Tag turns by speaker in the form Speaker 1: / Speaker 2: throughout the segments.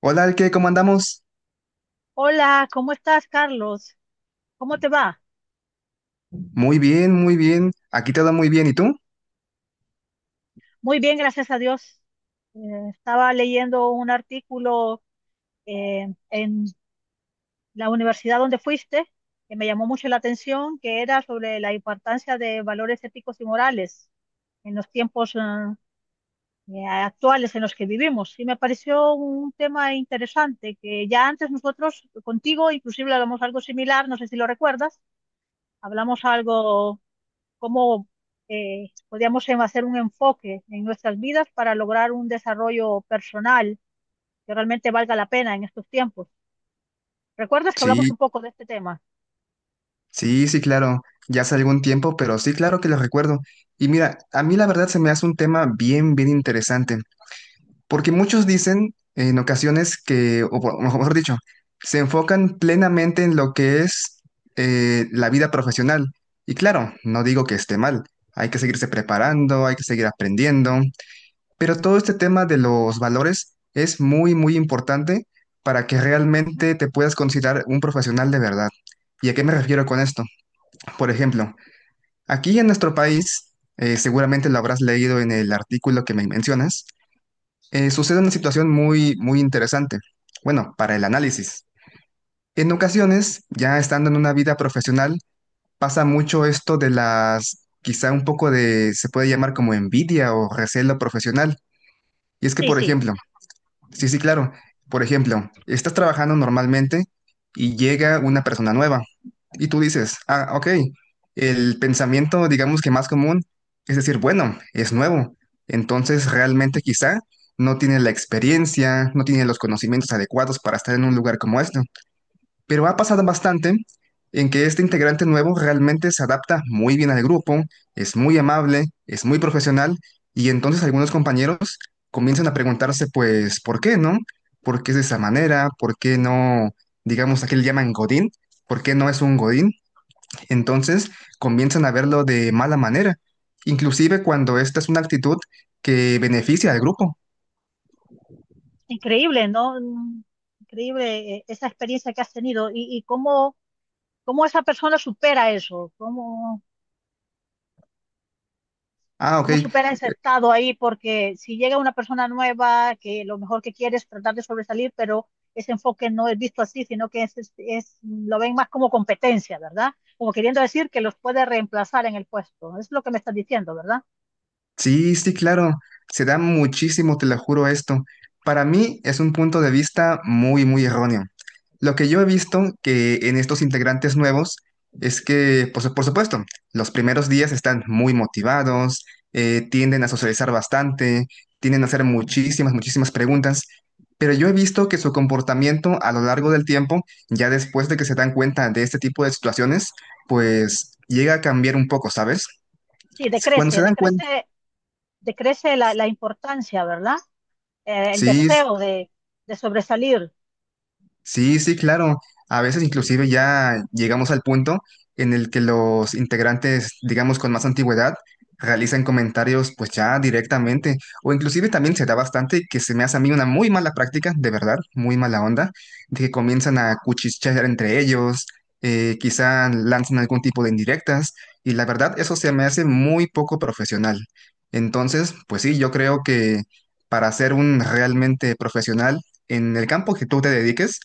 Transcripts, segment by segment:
Speaker 1: Hola, Alke, ¿cómo andamos?
Speaker 2: Hola, ¿cómo estás, Carlos? ¿Cómo te va?
Speaker 1: Muy bien, muy bien. Aquí todo muy bien. ¿Y tú?
Speaker 2: Muy bien, gracias a Dios. Eh, Estaba leyendo un artículo en la universidad donde fuiste, que me llamó mucho la atención, que era sobre la importancia de valores éticos y morales en los tiempos actuales en los que vivimos. Y me pareció un tema interesante, que ya antes nosotros contigo inclusive hablamos algo similar, no sé si lo recuerdas, hablamos algo cómo podríamos hacer un enfoque en nuestras vidas para lograr un desarrollo personal que realmente valga la pena en estos tiempos. ¿Recuerdas que hablamos
Speaker 1: Sí,
Speaker 2: un poco de este tema?
Speaker 1: sí, sí, claro. Ya hace algún tiempo, pero sí, claro que lo recuerdo. Y mira, a mí la verdad se me hace un tema bien, bien interesante, porque muchos dicen en ocasiones que, mejor dicho, se enfocan plenamente en lo que es la vida profesional. Y claro, no digo que esté mal. Hay que seguirse preparando, hay que seguir aprendiendo. Pero todo este tema de los valores es muy, muy importante para que realmente te puedas considerar un profesional de verdad. ¿Y a qué me refiero con esto? Por ejemplo, aquí en nuestro país, seguramente lo habrás leído en el artículo que me mencionas, sucede una situación muy, muy interesante. Bueno, para el análisis. En ocasiones, ya estando en una vida profesional, pasa mucho esto de las, quizá un poco de, se puede llamar como envidia o recelo profesional. Y es que,
Speaker 2: Sí,
Speaker 1: por
Speaker 2: sí,
Speaker 1: ejemplo, sí, sí, claro. Por ejemplo, estás trabajando normalmente y llega una persona nueva y tú dices, ah, ok, el pensamiento, digamos que más común, es decir, bueno, es nuevo. Entonces, realmente quizá no tiene la experiencia, no tiene los conocimientos adecuados para estar en un lugar como este. Pero ha pasado bastante en que este integrante nuevo realmente se adapta muy bien al grupo, es muy amable, es muy profesional, y entonces algunos compañeros comienzan a preguntarse, pues, ¿por qué no? ¿Por qué es de esa manera? ¿Por qué no, digamos, aquí le llaman Godín? ¿Por qué no es un Godín? Entonces comienzan a verlo de mala manera, inclusive cuando esta es una actitud que beneficia al grupo.
Speaker 2: increíble, ¿no? Mm, increíble, esa experiencia que has tenido, y cómo, cómo esa persona supera eso, cómo
Speaker 1: Ah, ok.
Speaker 2: cómo supera ese estado ahí, porque si llega una persona nueva que lo mejor que quiere es tratar de sobresalir, pero ese enfoque no es visto así, sino que lo ven más como competencia, ¿verdad? Como queriendo decir que los puede reemplazar en el puesto. Es lo que me estás diciendo, ¿verdad?
Speaker 1: Sí, sí, claro. Se da muchísimo, te lo juro esto. Para mí es un punto de vista muy, muy erróneo. Lo que yo he visto que en estos integrantes nuevos es que, pues, por supuesto, los primeros días están muy motivados, tienden a socializar bastante, tienden a hacer muchísimas, muchísimas preguntas, pero yo he visto que su comportamiento a lo largo del tiempo, ya después de que se dan cuenta de este tipo de situaciones, pues llega a cambiar un poco, ¿sabes?
Speaker 2: Sí,
Speaker 1: Cuando se
Speaker 2: decrece,
Speaker 1: dan cuenta,
Speaker 2: decrece, decrece la importancia, ¿verdad? El
Speaker 1: sí.
Speaker 2: deseo de sobresalir.
Speaker 1: Sí, sí, claro. A veces inclusive ya llegamos al punto en el que los integrantes, digamos, con más antigüedad, realizan comentarios pues ya directamente. O inclusive también se da bastante que se me hace a mí una muy mala práctica, de verdad, muy mala onda, de que comienzan a cuchichear entre ellos, quizá lanzan algún tipo de indirectas, y la verdad eso se me hace muy poco profesional. Entonces, pues sí, yo creo que para ser un realmente profesional en el campo que tú te dediques,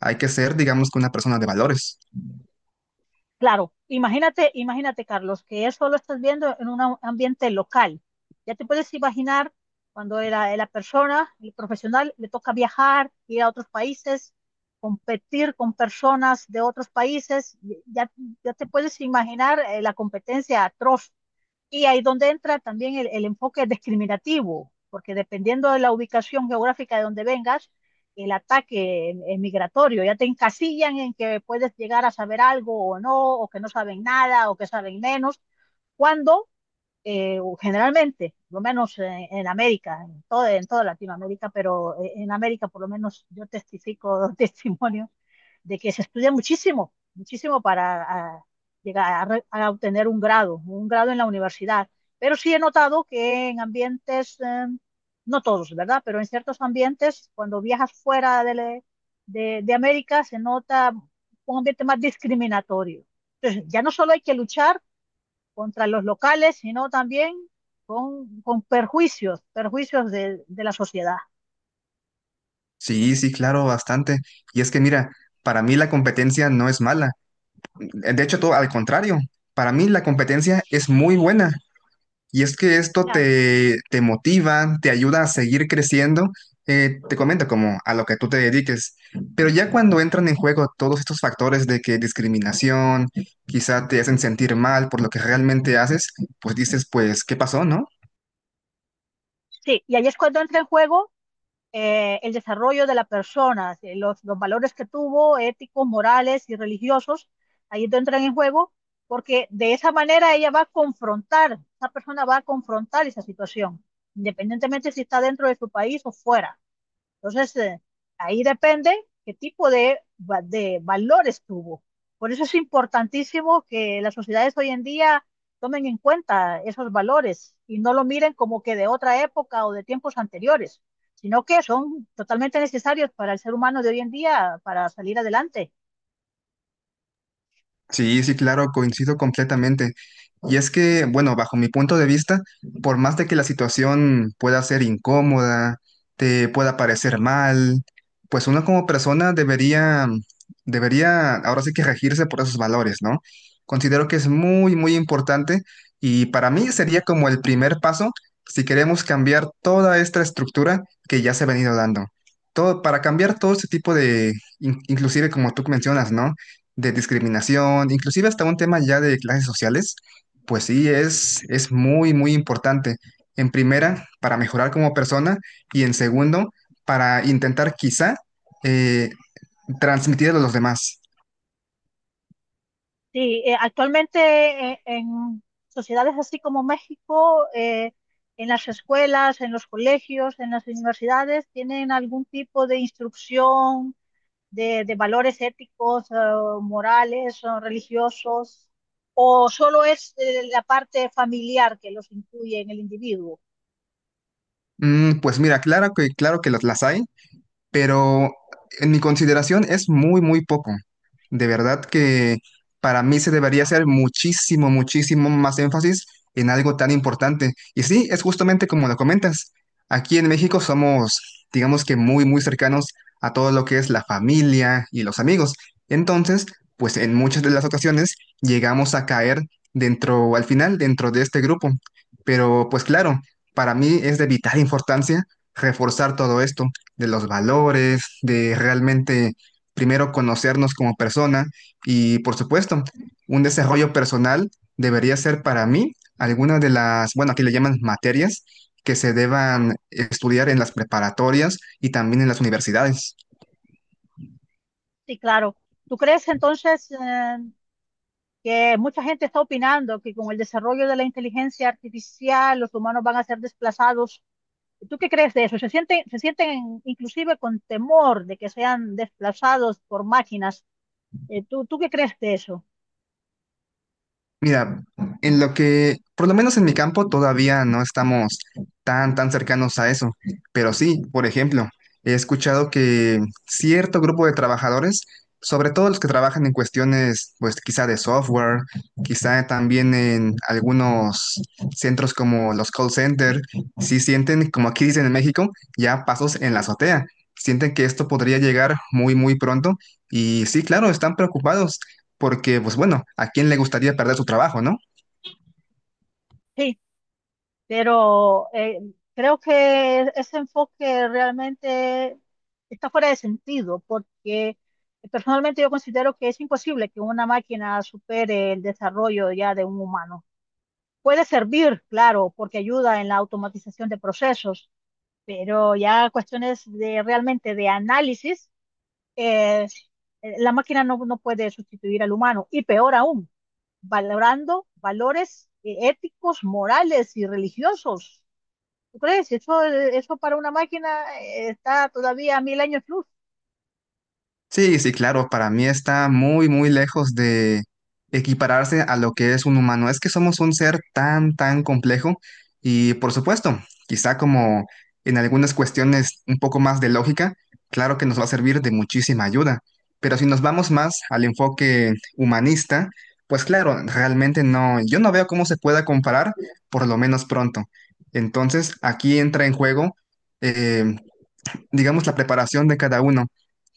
Speaker 1: hay que ser, digamos, que una persona de valores.
Speaker 2: Claro, imagínate, imagínate, Carlos, que eso lo estás viendo en un ambiente local. Ya te puedes imaginar cuando la persona, el profesional, le toca viajar, ir a otros países, competir con personas de otros países, ya, ya te puedes imaginar la competencia atroz, y ahí donde entra también el enfoque discriminativo, porque dependiendo de la ubicación geográfica de donde vengas, el ataque migratorio, ya te encasillan en que puedes llegar a saber algo o no, o que no saben nada, o que saben menos, cuando o generalmente, por lo menos en América, en toda Latinoamérica, pero en América por lo menos yo testifico testimonio de que se estudia muchísimo, muchísimo para a, llegar a obtener un grado en la universidad. Pero sí he notado que en ambientes, no todos, ¿verdad? Pero en ciertos ambientes, cuando viajas fuera de América, se nota un ambiente más discriminatorio. Entonces, ya no solo hay que luchar contra los locales, sino también con perjuicios, perjuicios de la sociedad.
Speaker 1: Sí, sí, claro, bastante. Y es que mira, para mí la competencia no es mala. De hecho, todo al contrario. Para mí la competencia es muy buena. Y es que esto
Speaker 2: Claro.
Speaker 1: te, te motiva, te ayuda a seguir creciendo. Te comento como a lo que tú te dediques. Pero ya cuando entran en juego todos estos factores de que discriminación, quizá te hacen sentir mal por lo que realmente haces, pues dices, pues, ¿qué pasó, no?
Speaker 2: Sí, y ahí es cuando entra en juego el desarrollo de la persona, los valores que tuvo, éticos, morales y religiosos, ahí entran en juego, porque de esa manera ella va a confrontar, esa persona va a confrontar esa situación, independientemente si está dentro de su país o fuera. Entonces, ahí depende qué tipo de, de valores tuvo. Por eso es importantísimo que las sociedades hoy en día tomen en cuenta esos valores y no lo miren como que de otra época o de tiempos anteriores, sino que son totalmente necesarios para el ser humano de hoy en día para salir adelante.
Speaker 1: Sí, sí, claro, coincido completamente. Y es que, bueno, bajo mi punto de vista, por más de que la situación pueda ser incómoda, te pueda parecer mal, pues uno como persona debería ahora sí que regirse por esos valores, ¿no? Considero que es muy, muy importante y para mí sería como el primer paso si queremos cambiar toda esta estructura que ya se ha venido dando. Todo, para cambiar todo este tipo de, inclusive como tú mencionas, ¿no? De discriminación, inclusive hasta un tema ya de clases sociales, pues sí, es muy, muy importante. En primera, para mejorar como persona y en segundo, para intentar quizá eh, transmitir a los demás.
Speaker 2: Sí, actualmente en sociedades así como México, en las escuelas, en los colegios, en las universidades, tienen algún tipo de instrucción de valores éticos, morales, o religiosos, o solo es la parte familiar que los incluye en el individuo.
Speaker 1: Mm, pues mira, claro que las hay. Pero en mi consideración es muy, muy poco. De verdad que para mí se debería hacer muchísimo, muchísimo más énfasis en algo tan importante. Y sí, es justamente como lo comentas. Aquí en México somos, digamos que muy, muy cercanos a todo lo que es la familia y los amigos. Entonces, pues en muchas de las ocasiones llegamos a caer dentro, al final, dentro de este grupo. Pero pues claro, para mí es de vital importancia reforzar todo esto de los valores, de realmente primero conocernos como persona y por supuesto, un desarrollo personal debería ser para mí alguna de las, bueno, aquí le llaman materias que se deban estudiar en las preparatorias y también en las universidades.
Speaker 2: Sí, claro. ¿Tú crees entonces que mucha gente está opinando que con el desarrollo de la inteligencia artificial los humanos van a ser desplazados? ¿Tú qué crees de eso? Se sienten inclusive con temor de que sean desplazados por máquinas? Tú qué crees de eso?
Speaker 1: Mira, en lo que, por lo menos en mi campo, todavía no estamos tan, tan cercanos a eso. Pero sí, por ejemplo, he escuchado que cierto grupo de trabajadores, sobre todo los que trabajan en cuestiones, pues quizá de software, quizá también en algunos centros como los call center, sí sienten, como aquí dicen en México, ya pasos en la azotea. Sienten que esto podría llegar muy, muy pronto. Y sí, claro, están preocupados porque, pues bueno, ¿a quién le gustaría perder su trabajo, no?
Speaker 2: Sí. Pero creo que ese enfoque realmente está fuera de sentido, porque personalmente yo considero que es imposible que una máquina supere el desarrollo ya de un humano. Puede servir, claro, porque ayuda en la automatización de procesos, pero ya cuestiones de realmente de análisis, eh, la máquina no, no puede sustituir al humano, y peor aún, valorando valores éticos, morales y religiosos. ¿Tú crees? Si eso, eso para una máquina está todavía a mil años luz.
Speaker 1: Sí, sí, claro, para mí está muy, muy lejos de equipararse a lo que es un humano. Es que somos un ser tan, tan complejo y, por supuesto, quizá como en algunas cuestiones un poco más de lógica, claro que nos va a servir de muchísima ayuda. Pero si nos vamos más al enfoque humanista, pues claro, realmente no, yo no veo cómo se pueda comparar, por lo menos pronto. Entonces, aquí entra en juego eh, digamos, la preparación de cada uno,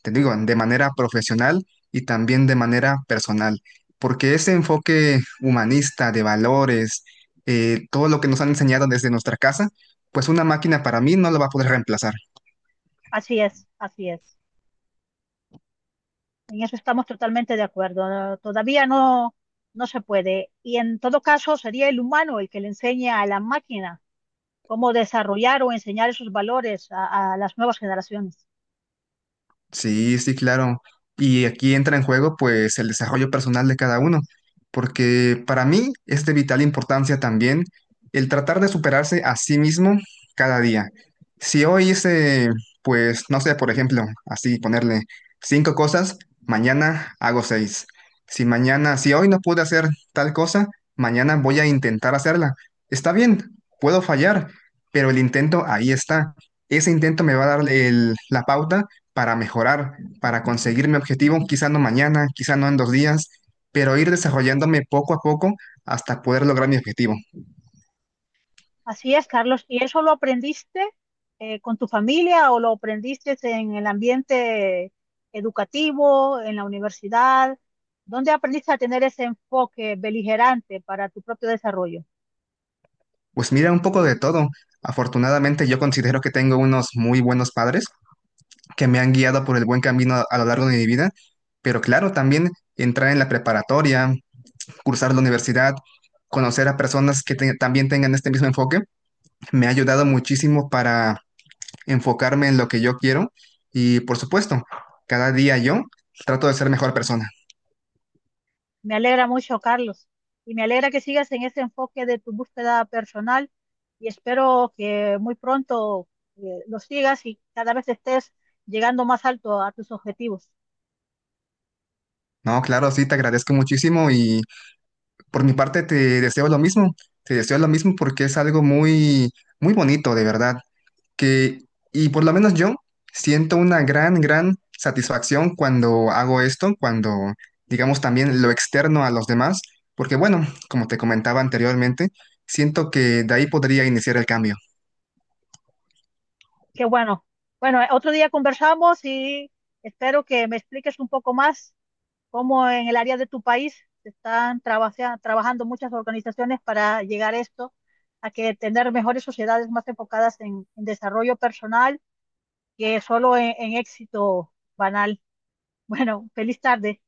Speaker 1: te digo, de manera profesional y también de manera personal, porque ese enfoque humanista de valores, todo lo que nos han enseñado desde nuestra casa, pues una máquina para mí no lo va a poder reemplazar.
Speaker 2: Así es, así es. En eso estamos totalmente de acuerdo. No, todavía no, no se puede. Y en todo caso, sería el humano el que le enseña a la máquina cómo desarrollar o enseñar esos valores a las nuevas generaciones.
Speaker 1: Sí, sí, claro. Y aquí entra en juego pues el desarrollo personal de cada uno, porque para mí es de vital importancia también el tratar de superarse a sí mismo cada día. Si hoy hice, pues, no sé, por ejemplo, así ponerle cinco cosas, mañana hago seis. Si mañana, si hoy no pude hacer tal cosa, mañana voy a intentar hacerla. Está bien, puedo fallar, pero el intento ahí está. Ese intento me va a dar la pauta para mejorar, para conseguir mi objetivo, quizá no mañana, quizá no en dos días, pero ir desarrollándome poco a poco hasta poder lograr mi objetivo.
Speaker 2: Así es, Carlos. ¿Y eso lo aprendiste con tu familia o lo aprendiste en el ambiente educativo, en la universidad? ¿Dónde aprendiste a tener ese enfoque beligerante para tu propio desarrollo?
Speaker 1: Pues mira, un poco de todo. Afortunadamente yo considero que tengo unos muy buenos padres que me han guiado por el buen camino a lo largo de mi vida, pero claro, también entrar en la preparatoria, cursar la universidad, conocer a personas que también tengan este mismo enfoque, me ha ayudado muchísimo para enfocarme en lo que yo quiero y por supuesto, cada día yo trato de ser mejor persona.
Speaker 2: Me alegra mucho, Carlos, y me alegra que sigas en ese enfoque de tu búsqueda personal y espero que muy pronto lo sigas y cada vez estés llegando más alto a tus objetivos.
Speaker 1: No, claro, sí, te agradezco muchísimo y por mi parte te deseo lo mismo, te deseo lo mismo porque es algo muy, muy bonito, de verdad, que, y por lo menos yo siento una gran, gran satisfacción cuando hago esto, cuando, digamos, también lo externo a los demás, porque bueno, como te comentaba anteriormente, siento que de ahí podría iniciar el cambio.
Speaker 2: Qué bueno. Bueno, otro día conversamos y espero que me expliques un poco más cómo en el área de tu país se están trabajando muchas organizaciones para llegar a esto, a que tener mejores sociedades más enfocadas en desarrollo personal que solo en éxito banal. Bueno, feliz tarde.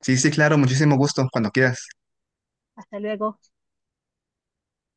Speaker 1: Sí, sí, claro, muchísimo gusto, cuando quieras.
Speaker 2: Hasta luego.